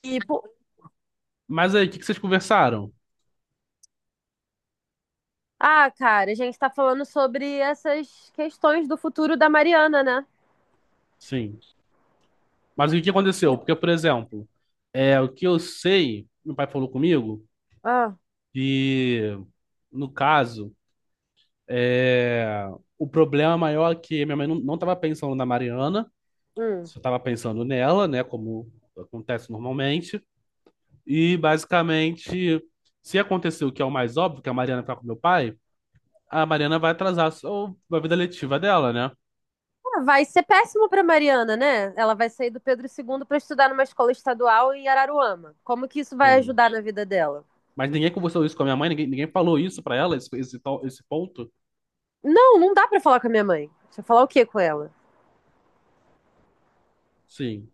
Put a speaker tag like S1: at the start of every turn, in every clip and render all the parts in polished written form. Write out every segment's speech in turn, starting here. S1: Tipo,
S2: Mas aí, o que que vocês conversaram?
S1: ah, cara, a gente tá falando sobre essas questões do futuro da Mariana, né?
S2: Sim. Mas o que aconteceu?
S1: Por-
S2: Porque, por exemplo, o que eu sei, meu pai falou comigo,
S1: Ah,
S2: que, no caso, é, o problema maior é que minha mãe não estava pensando na Mariana,
S1: hum.
S2: só estava pensando nela, né, como acontece normalmente. E, basicamente, se acontecer o que é o mais óbvio, que é a Mariana ficar com meu pai, a Mariana vai atrasar a a vida letiva dela, né?
S1: Ah, vai ser péssimo pra Mariana, né? Ela vai sair do Pedro II pra estudar numa escola estadual em Araruama. Como que isso vai
S2: Sim.
S1: ajudar na vida dela?
S2: Mas ninguém conversou isso com a minha mãe, ninguém, ninguém falou isso pra ela, esse ponto?
S1: Não, não dá pra falar com a minha mãe. Deixa eu falar o quê com ela?
S2: Sim.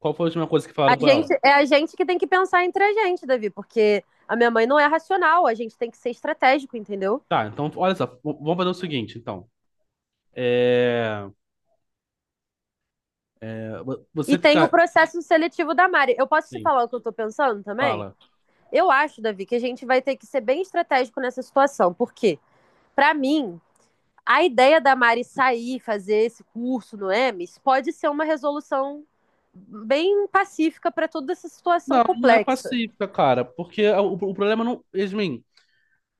S2: Qual foi a última coisa que
S1: A
S2: falaram com ela?
S1: gente, é a gente que tem que pensar entre a gente, Davi, porque a minha mãe não é racional, a gente tem que ser estratégico, entendeu?
S2: Tá, então, olha só, vamos fazer o seguinte, então. É,
S1: E
S2: você
S1: tem o
S2: ficar.
S1: processo seletivo da Mari. Eu posso te
S2: Sim,
S1: falar o que eu tô pensando também?
S2: fala.
S1: Eu acho, Davi, que a gente vai ter que ser bem estratégico nessa situação, porque, para mim, a ideia da Mari sair, fazer esse curso no EMES, pode ser uma resolução bem pacífica para toda essa situação
S2: Não, não é
S1: complexa.
S2: pacífica, cara, porque o problema não. Yasmin,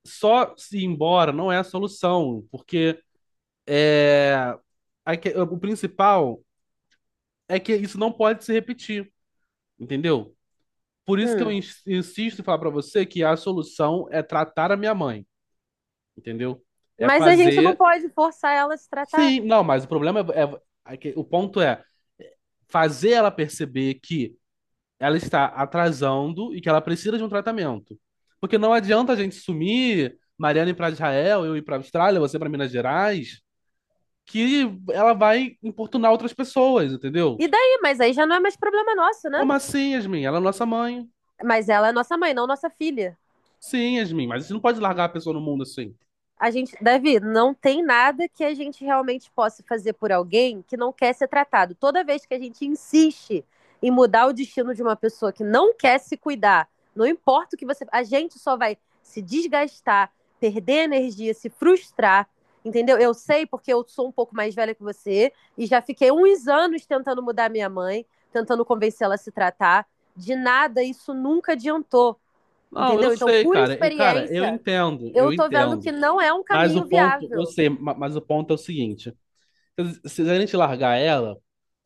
S2: só se ir embora não é a solução, porque o principal é que isso não pode se repetir, entendeu? Por isso que eu
S1: Hum.
S2: insisto em falar pra você que a solução é tratar a minha mãe, entendeu? É
S1: Mas a gente não
S2: fazer.
S1: pode forçar ela a se tratar.
S2: Sim, não, mas o ponto é fazer ela perceber que ela está atrasando e que ela precisa de um tratamento. Porque não adianta a gente sumir, Mariana ir para Israel, eu ir para Austrália, você para Minas Gerais, que ela vai importunar outras pessoas, entendeu?
S1: E daí? Mas aí já não é mais problema nosso, né?
S2: Como assim, Yasmin? Ela é nossa mãe.
S1: Mas ela é nossa mãe, não nossa filha.
S2: Sim, Yasmin, mas você não pode largar a pessoa no mundo assim.
S1: A gente, Davi, não tem nada que a gente realmente possa fazer por alguém que não quer ser tratado. Toda vez que a gente insiste em mudar o destino de uma pessoa que não quer se cuidar, não importa o que você, a gente só vai se desgastar, perder energia, se frustrar, entendeu? Eu sei porque eu sou um pouco mais velha que você e já fiquei uns anos tentando mudar minha mãe, tentando convencê-la a se tratar. De nada isso nunca adiantou.
S2: Não, eu
S1: Entendeu? Então,
S2: sei,
S1: por
S2: cara. Cara,
S1: experiência, eu
S2: eu
S1: tô vendo que
S2: entendo.
S1: não é um
S2: Mas o
S1: caminho
S2: ponto, eu
S1: viável.
S2: sei, mas o ponto é o seguinte: se a gente largar ela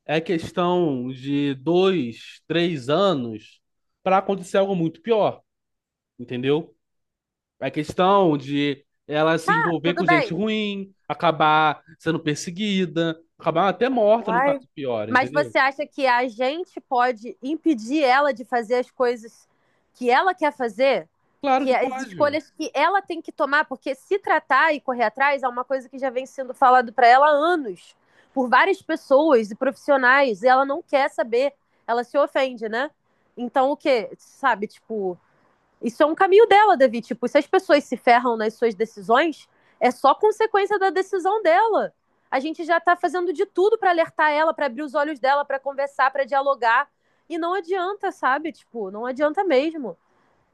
S2: é questão de dois, três anos para acontecer algo muito pior, entendeu? É questão de ela se envolver
S1: Tudo
S2: com gente
S1: bem.
S2: ruim, acabar sendo perseguida, acabar até morta num caso
S1: Uai.
S2: pior,
S1: Mas
S2: entendeu?
S1: você acha que a gente pode impedir ela de fazer as coisas que ela quer fazer?
S2: Claro
S1: Que
S2: que
S1: as
S2: pode.
S1: escolhas que ela tem que tomar, porque se tratar e correr atrás é uma coisa que já vem sendo falado para ela há anos, por várias pessoas e profissionais, e ela não quer saber, ela se ofende, né? Então o que, sabe, tipo, isso é um caminho dela, Davi. Tipo, se as pessoas se ferram nas suas decisões, é só consequência da decisão dela. A gente já está fazendo de tudo para alertar ela, para abrir os olhos dela, para conversar, para dialogar. E não adianta, sabe? Tipo, não adianta mesmo.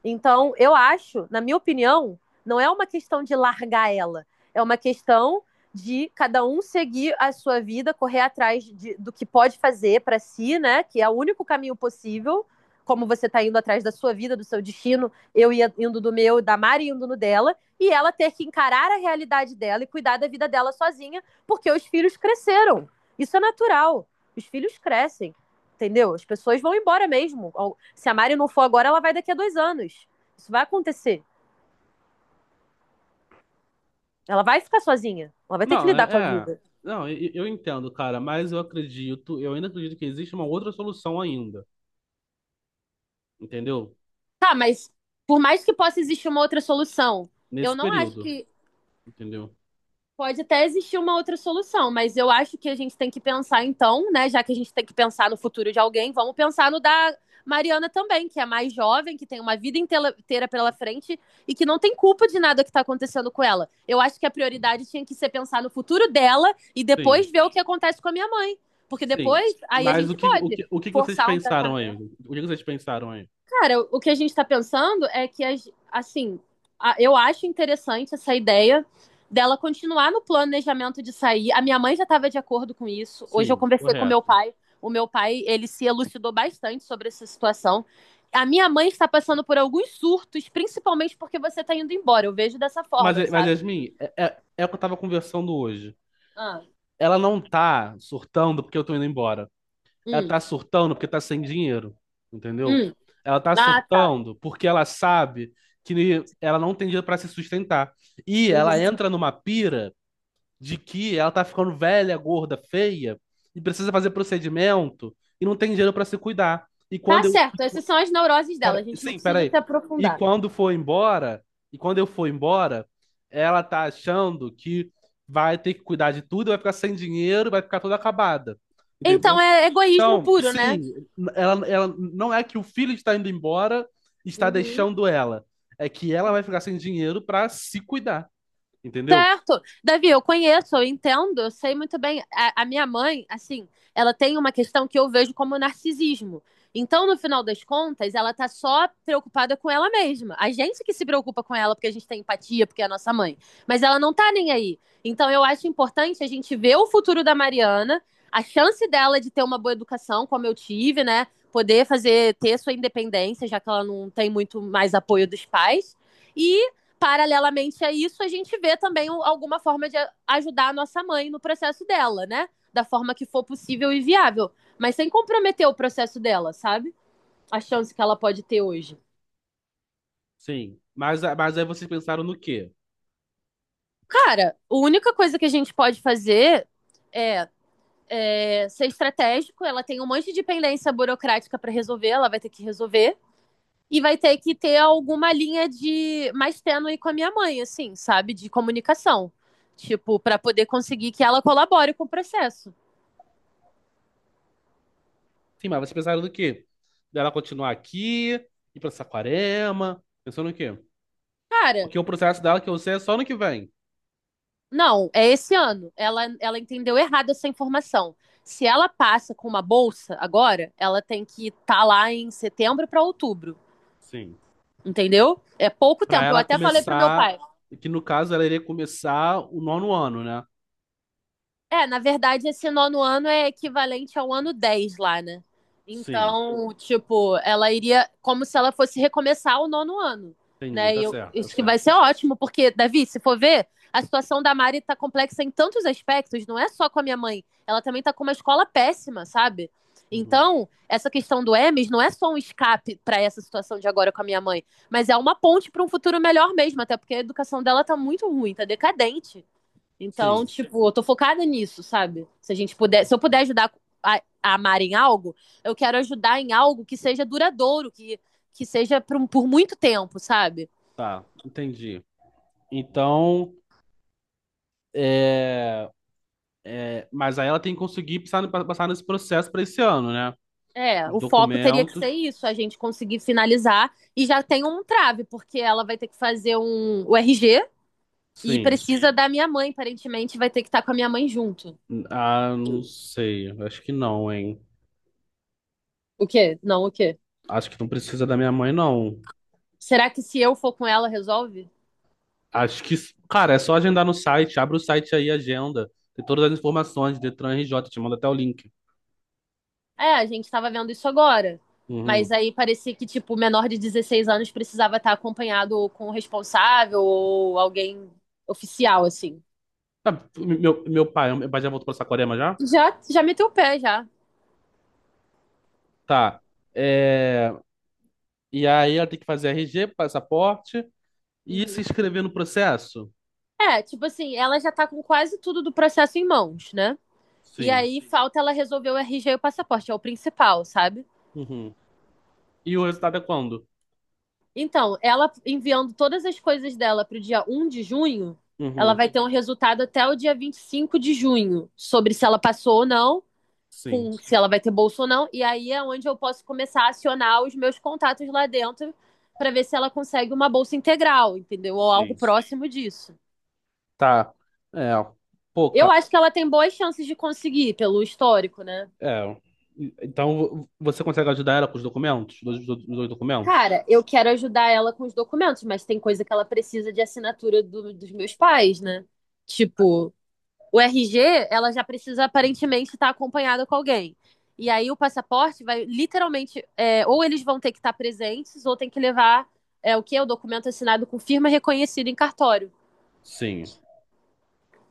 S1: Então, eu acho, na minha opinião, não é uma questão de largar ela, é uma questão de cada um seguir a sua vida, correr atrás de, do que pode fazer para si, né? Que é o único caminho possível, como você está indo atrás da sua vida, do seu destino, eu ia indo do meu, da Mari indo no dela, e ela ter que encarar a realidade dela e cuidar da vida dela sozinha, porque os filhos cresceram. Isso é natural. Os filhos crescem, entendeu? As pessoas vão embora mesmo. Se a Mari não for agora, ela vai daqui a 2 anos. Isso vai acontecer. Ela vai ficar sozinha. Ela vai ter que
S2: Não,
S1: lidar com a
S2: é. é.
S1: vida.
S2: Não, eu entendo, cara, mas eu ainda acredito que existe uma outra solução ainda, entendeu?
S1: Tá, mas por mais que possa existir uma outra solução, eu
S2: Nesse
S1: não acho
S2: período,
S1: que
S2: entendeu?
S1: pode até existir uma outra solução, mas eu acho que a gente tem que pensar então, né? Já que a gente tem que pensar no futuro de alguém, vamos pensar no da Mariana também, que é mais jovem, que tem uma vida inteira pela frente e que não tem culpa de nada que está acontecendo com ela. Eu acho que a prioridade tinha que ser pensar no futuro dela e
S2: Sim,
S1: depois ver o que acontece com a minha mãe. Porque
S2: sim.
S1: depois, aí a
S2: Mas
S1: gente pode
S2: o que que vocês
S1: forçar um
S2: pensaram
S1: tratamento.
S2: aí? O que vocês pensaram aí?
S1: Cara, o que a gente está pensando é que, as, assim, eu acho interessante essa ideia dela continuar no planejamento de sair. A minha mãe já estava de acordo com isso. Hoje eu
S2: Sim,
S1: conversei com meu
S2: correto.
S1: pai. O meu pai, ele se elucidou bastante sobre essa situação. A minha mãe está passando por alguns surtos, principalmente porque você está indo embora. Eu vejo dessa forma,
S2: Mas
S1: sabe?
S2: Yasmin, é o que eu tava conversando hoje.
S1: Ah,
S2: Ela não tá surtando porque eu tô indo embora. Ela
S1: hum,
S2: tá surtando porque tá sem dinheiro, entendeu?
S1: hum.
S2: Ela tá
S1: Ah, tá.
S2: surtando porque ela sabe que ela não tem dinheiro pra se sustentar. E ela
S1: Uhum.
S2: entra numa pira de que ela tá ficando velha, gorda, feia e precisa fazer procedimento e não tem dinheiro pra se cuidar. E
S1: Tá
S2: quando eu,
S1: certo. Essas são as neuroses dela. A gente não
S2: Sim,
S1: precisa
S2: peraí.
S1: se
S2: E
S1: aprofundar.
S2: quando for embora, e quando eu for embora, ela tá achando que vai ter que cuidar de tudo, vai ficar sem dinheiro, vai ficar toda acabada. Entendeu?
S1: Então é egoísmo
S2: Então,
S1: puro, né?
S2: sim, ela não é que o filho está indo embora, e está
S1: Uhum.
S2: deixando ela. É que ela vai ficar sem dinheiro para se cuidar, entendeu?
S1: Certo. Davi, eu conheço, eu entendo, eu sei muito bem. A minha mãe, assim, ela tem uma questão que eu vejo como narcisismo. Então, no final das contas, ela tá só preocupada com ela mesma. A gente que se preocupa com ela porque a gente tem empatia, porque é a nossa mãe. Mas ela não tá nem aí. Então, eu acho importante a gente ver o futuro da Mariana, a chance dela de ter uma boa educação, como eu tive, né? Poder fazer, ter sua independência, já que ela não tem muito mais apoio dos pais. E paralelamente a isso, a gente vê também um, alguma forma de ajudar a nossa mãe no processo dela, né? Da forma que for possível e viável. Mas sem comprometer o processo dela, sabe? A chance que ela pode ter hoje.
S2: Sim. Mas aí vocês pensaram no quê?
S1: Cara, a única coisa que a gente pode fazer é ser estratégico, ela tem um monte de pendência burocrática para resolver, ela vai ter que resolver. E vai ter que ter alguma linha de mais tênue com a minha mãe, assim, sabe? De comunicação. Tipo, para poder conseguir que ela colabore com o processo.
S2: Sim, mas vocês pensaram no quê? Dela continuar aqui, ir para Saquarema, pensou no quê?
S1: Cara,
S2: Porque o processo dela que eu sei é só no que vem.
S1: não, é esse ano. Ela entendeu errado essa informação. Se ela passa com uma bolsa agora, ela tem que estar lá em setembro para outubro,
S2: Sim.
S1: entendeu? É pouco
S2: Pra
S1: tempo. Eu
S2: ela
S1: até falei pro meu
S2: começar,
S1: pai.
S2: que no caso ela iria começar o nono ano, né?
S1: É, na verdade, esse nono ano é equivalente ao ano 10 lá, né?
S2: Sim.
S1: Então, tipo, ela iria como se ela fosse recomeçar o nono ano,
S2: Entendi,
S1: né? E
S2: tá
S1: eu,
S2: certo, tá
S1: isso que vai
S2: certo.
S1: ser ótimo, porque, Davi, se for ver, a situação da Mari tá complexa em tantos aspectos, não é só com a minha mãe. Ela também tá com uma escola péssima, sabe?
S2: Uhum.
S1: Então, essa questão do Emes não é só um escape para essa situação de agora com a minha mãe, mas é uma ponte para um futuro melhor mesmo, até porque a educação dela tá muito ruim, tá decadente. Então,
S2: Sim,
S1: tipo, eu tô focada nisso, sabe? Se a gente puder, se eu puder ajudar a, a amar em algo, eu quero ajudar em algo que seja duradouro, que seja por, por muito tempo, sabe?
S2: tá, entendi. Então, é, mas aí ela tem que conseguir passar nesse processo para esse ano, né?
S1: É,
S2: Os
S1: o foco teria que ser
S2: documentos,
S1: isso, a gente conseguir finalizar e já tem um trave, porque ela vai ter que fazer o RG e
S2: sim.
S1: precisa da minha mãe, aparentemente vai ter que estar com a minha mãe junto.
S2: Ah, não sei, acho que não, hein?
S1: O quê? Não, o quê?
S2: Acho que não precisa da minha mãe, não.
S1: Será que se eu for com ela resolve?
S2: Acho que, cara, é só agendar no site. Abre o site aí, agenda. Tem todas as informações, Detran RJ, te manda até o link.
S1: É, a gente tava vendo isso agora. Mas
S2: Uhum.
S1: aí parecia que, tipo, o menor de 16 anos precisava estar acompanhado com o responsável ou alguém oficial, assim.
S2: Tá, meu pai já voltou pra Saquarema já?
S1: Já, já meteu o pé, já.
S2: Tá. É, e aí ela tem que fazer RG, passaporte e se
S1: Uhum.
S2: inscrever no processo?
S1: É, tipo assim, ela já tá com quase tudo do processo em mãos, né? E
S2: Sim.
S1: aí falta ela resolver o RG e o passaporte, é o principal, sabe?
S2: Uhum. E o resultado é quando?
S1: Então, ela enviando todas as coisas dela pro dia 1 de junho, ela
S2: Uhum.
S1: vai ter um resultado até o dia 25 de junho sobre se ela passou ou não
S2: Sim.
S1: com se ela vai ter bolsa ou não. E aí é onde eu posso começar a acionar os meus contatos lá dentro para ver se ela consegue uma bolsa integral, entendeu? Ou algo
S2: Sim.
S1: próximo disso.
S2: Tá. É. Pô,
S1: Eu
S2: cara.
S1: acho que ela tem boas chances de conseguir, pelo histórico, né?
S2: É. Então, você consegue ajudar ela com os documentos? Os dois documentos?
S1: Cara, eu quero ajudar ela com os documentos, mas tem coisa que ela precisa de assinatura dos meus pais, né? Tipo, o RG, ela já precisa aparentemente estar acompanhada com alguém. E aí o passaporte vai literalmente, é, ou eles vão ter que estar presentes, ou tem que levar é, o que é o documento assinado com firma reconhecida em cartório.
S2: Sim.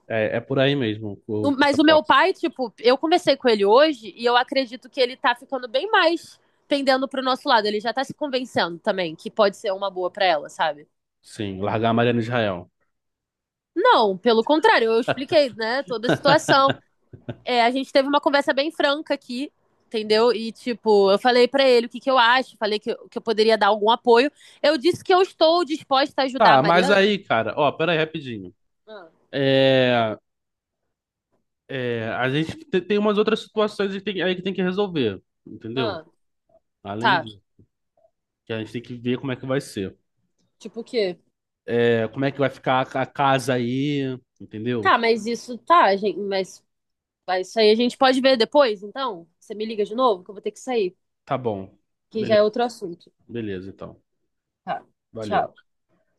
S2: É, é por aí mesmo o
S1: Mas o meu
S2: passaporte.
S1: pai, tipo, eu conversei com ele hoje e eu acredito que ele tá ficando bem mais pendendo pro nosso lado. Ele já tá se convencendo também que pode ser uma boa pra ela, sabe?
S2: Sim, largar a Mariana Israel.
S1: Não, pelo contrário, eu expliquei, né, toda a situação. É, a gente teve uma conversa bem franca aqui, entendeu? E, tipo, eu falei pra ele o que, eu acho, falei que, que eu poderia dar algum apoio. Eu disse que eu estou disposta a ajudar a
S2: Tá, mas
S1: Mariana.
S2: aí, cara, ó, pera aí rapidinho.
S1: Ah,
S2: É, é, a gente tem umas outras situações que tem- aí que tem que resolver, entendeu?
S1: ah,
S2: Além
S1: tá.
S2: disso, que a gente tem que ver como é que vai ser.
S1: Tipo o quê?
S2: É, como é que vai ficar a casa aí,
S1: Tá,
S2: entendeu?
S1: mas isso tá, gente, mas isso aí a gente pode ver depois, então? Você me liga de novo, que eu vou ter que sair,
S2: Tá bom.
S1: que já é
S2: Beleza,
S1: outro assunto.
S2: beleza, então.
S1: Tá,
S2: Valeu.
S1: tchau.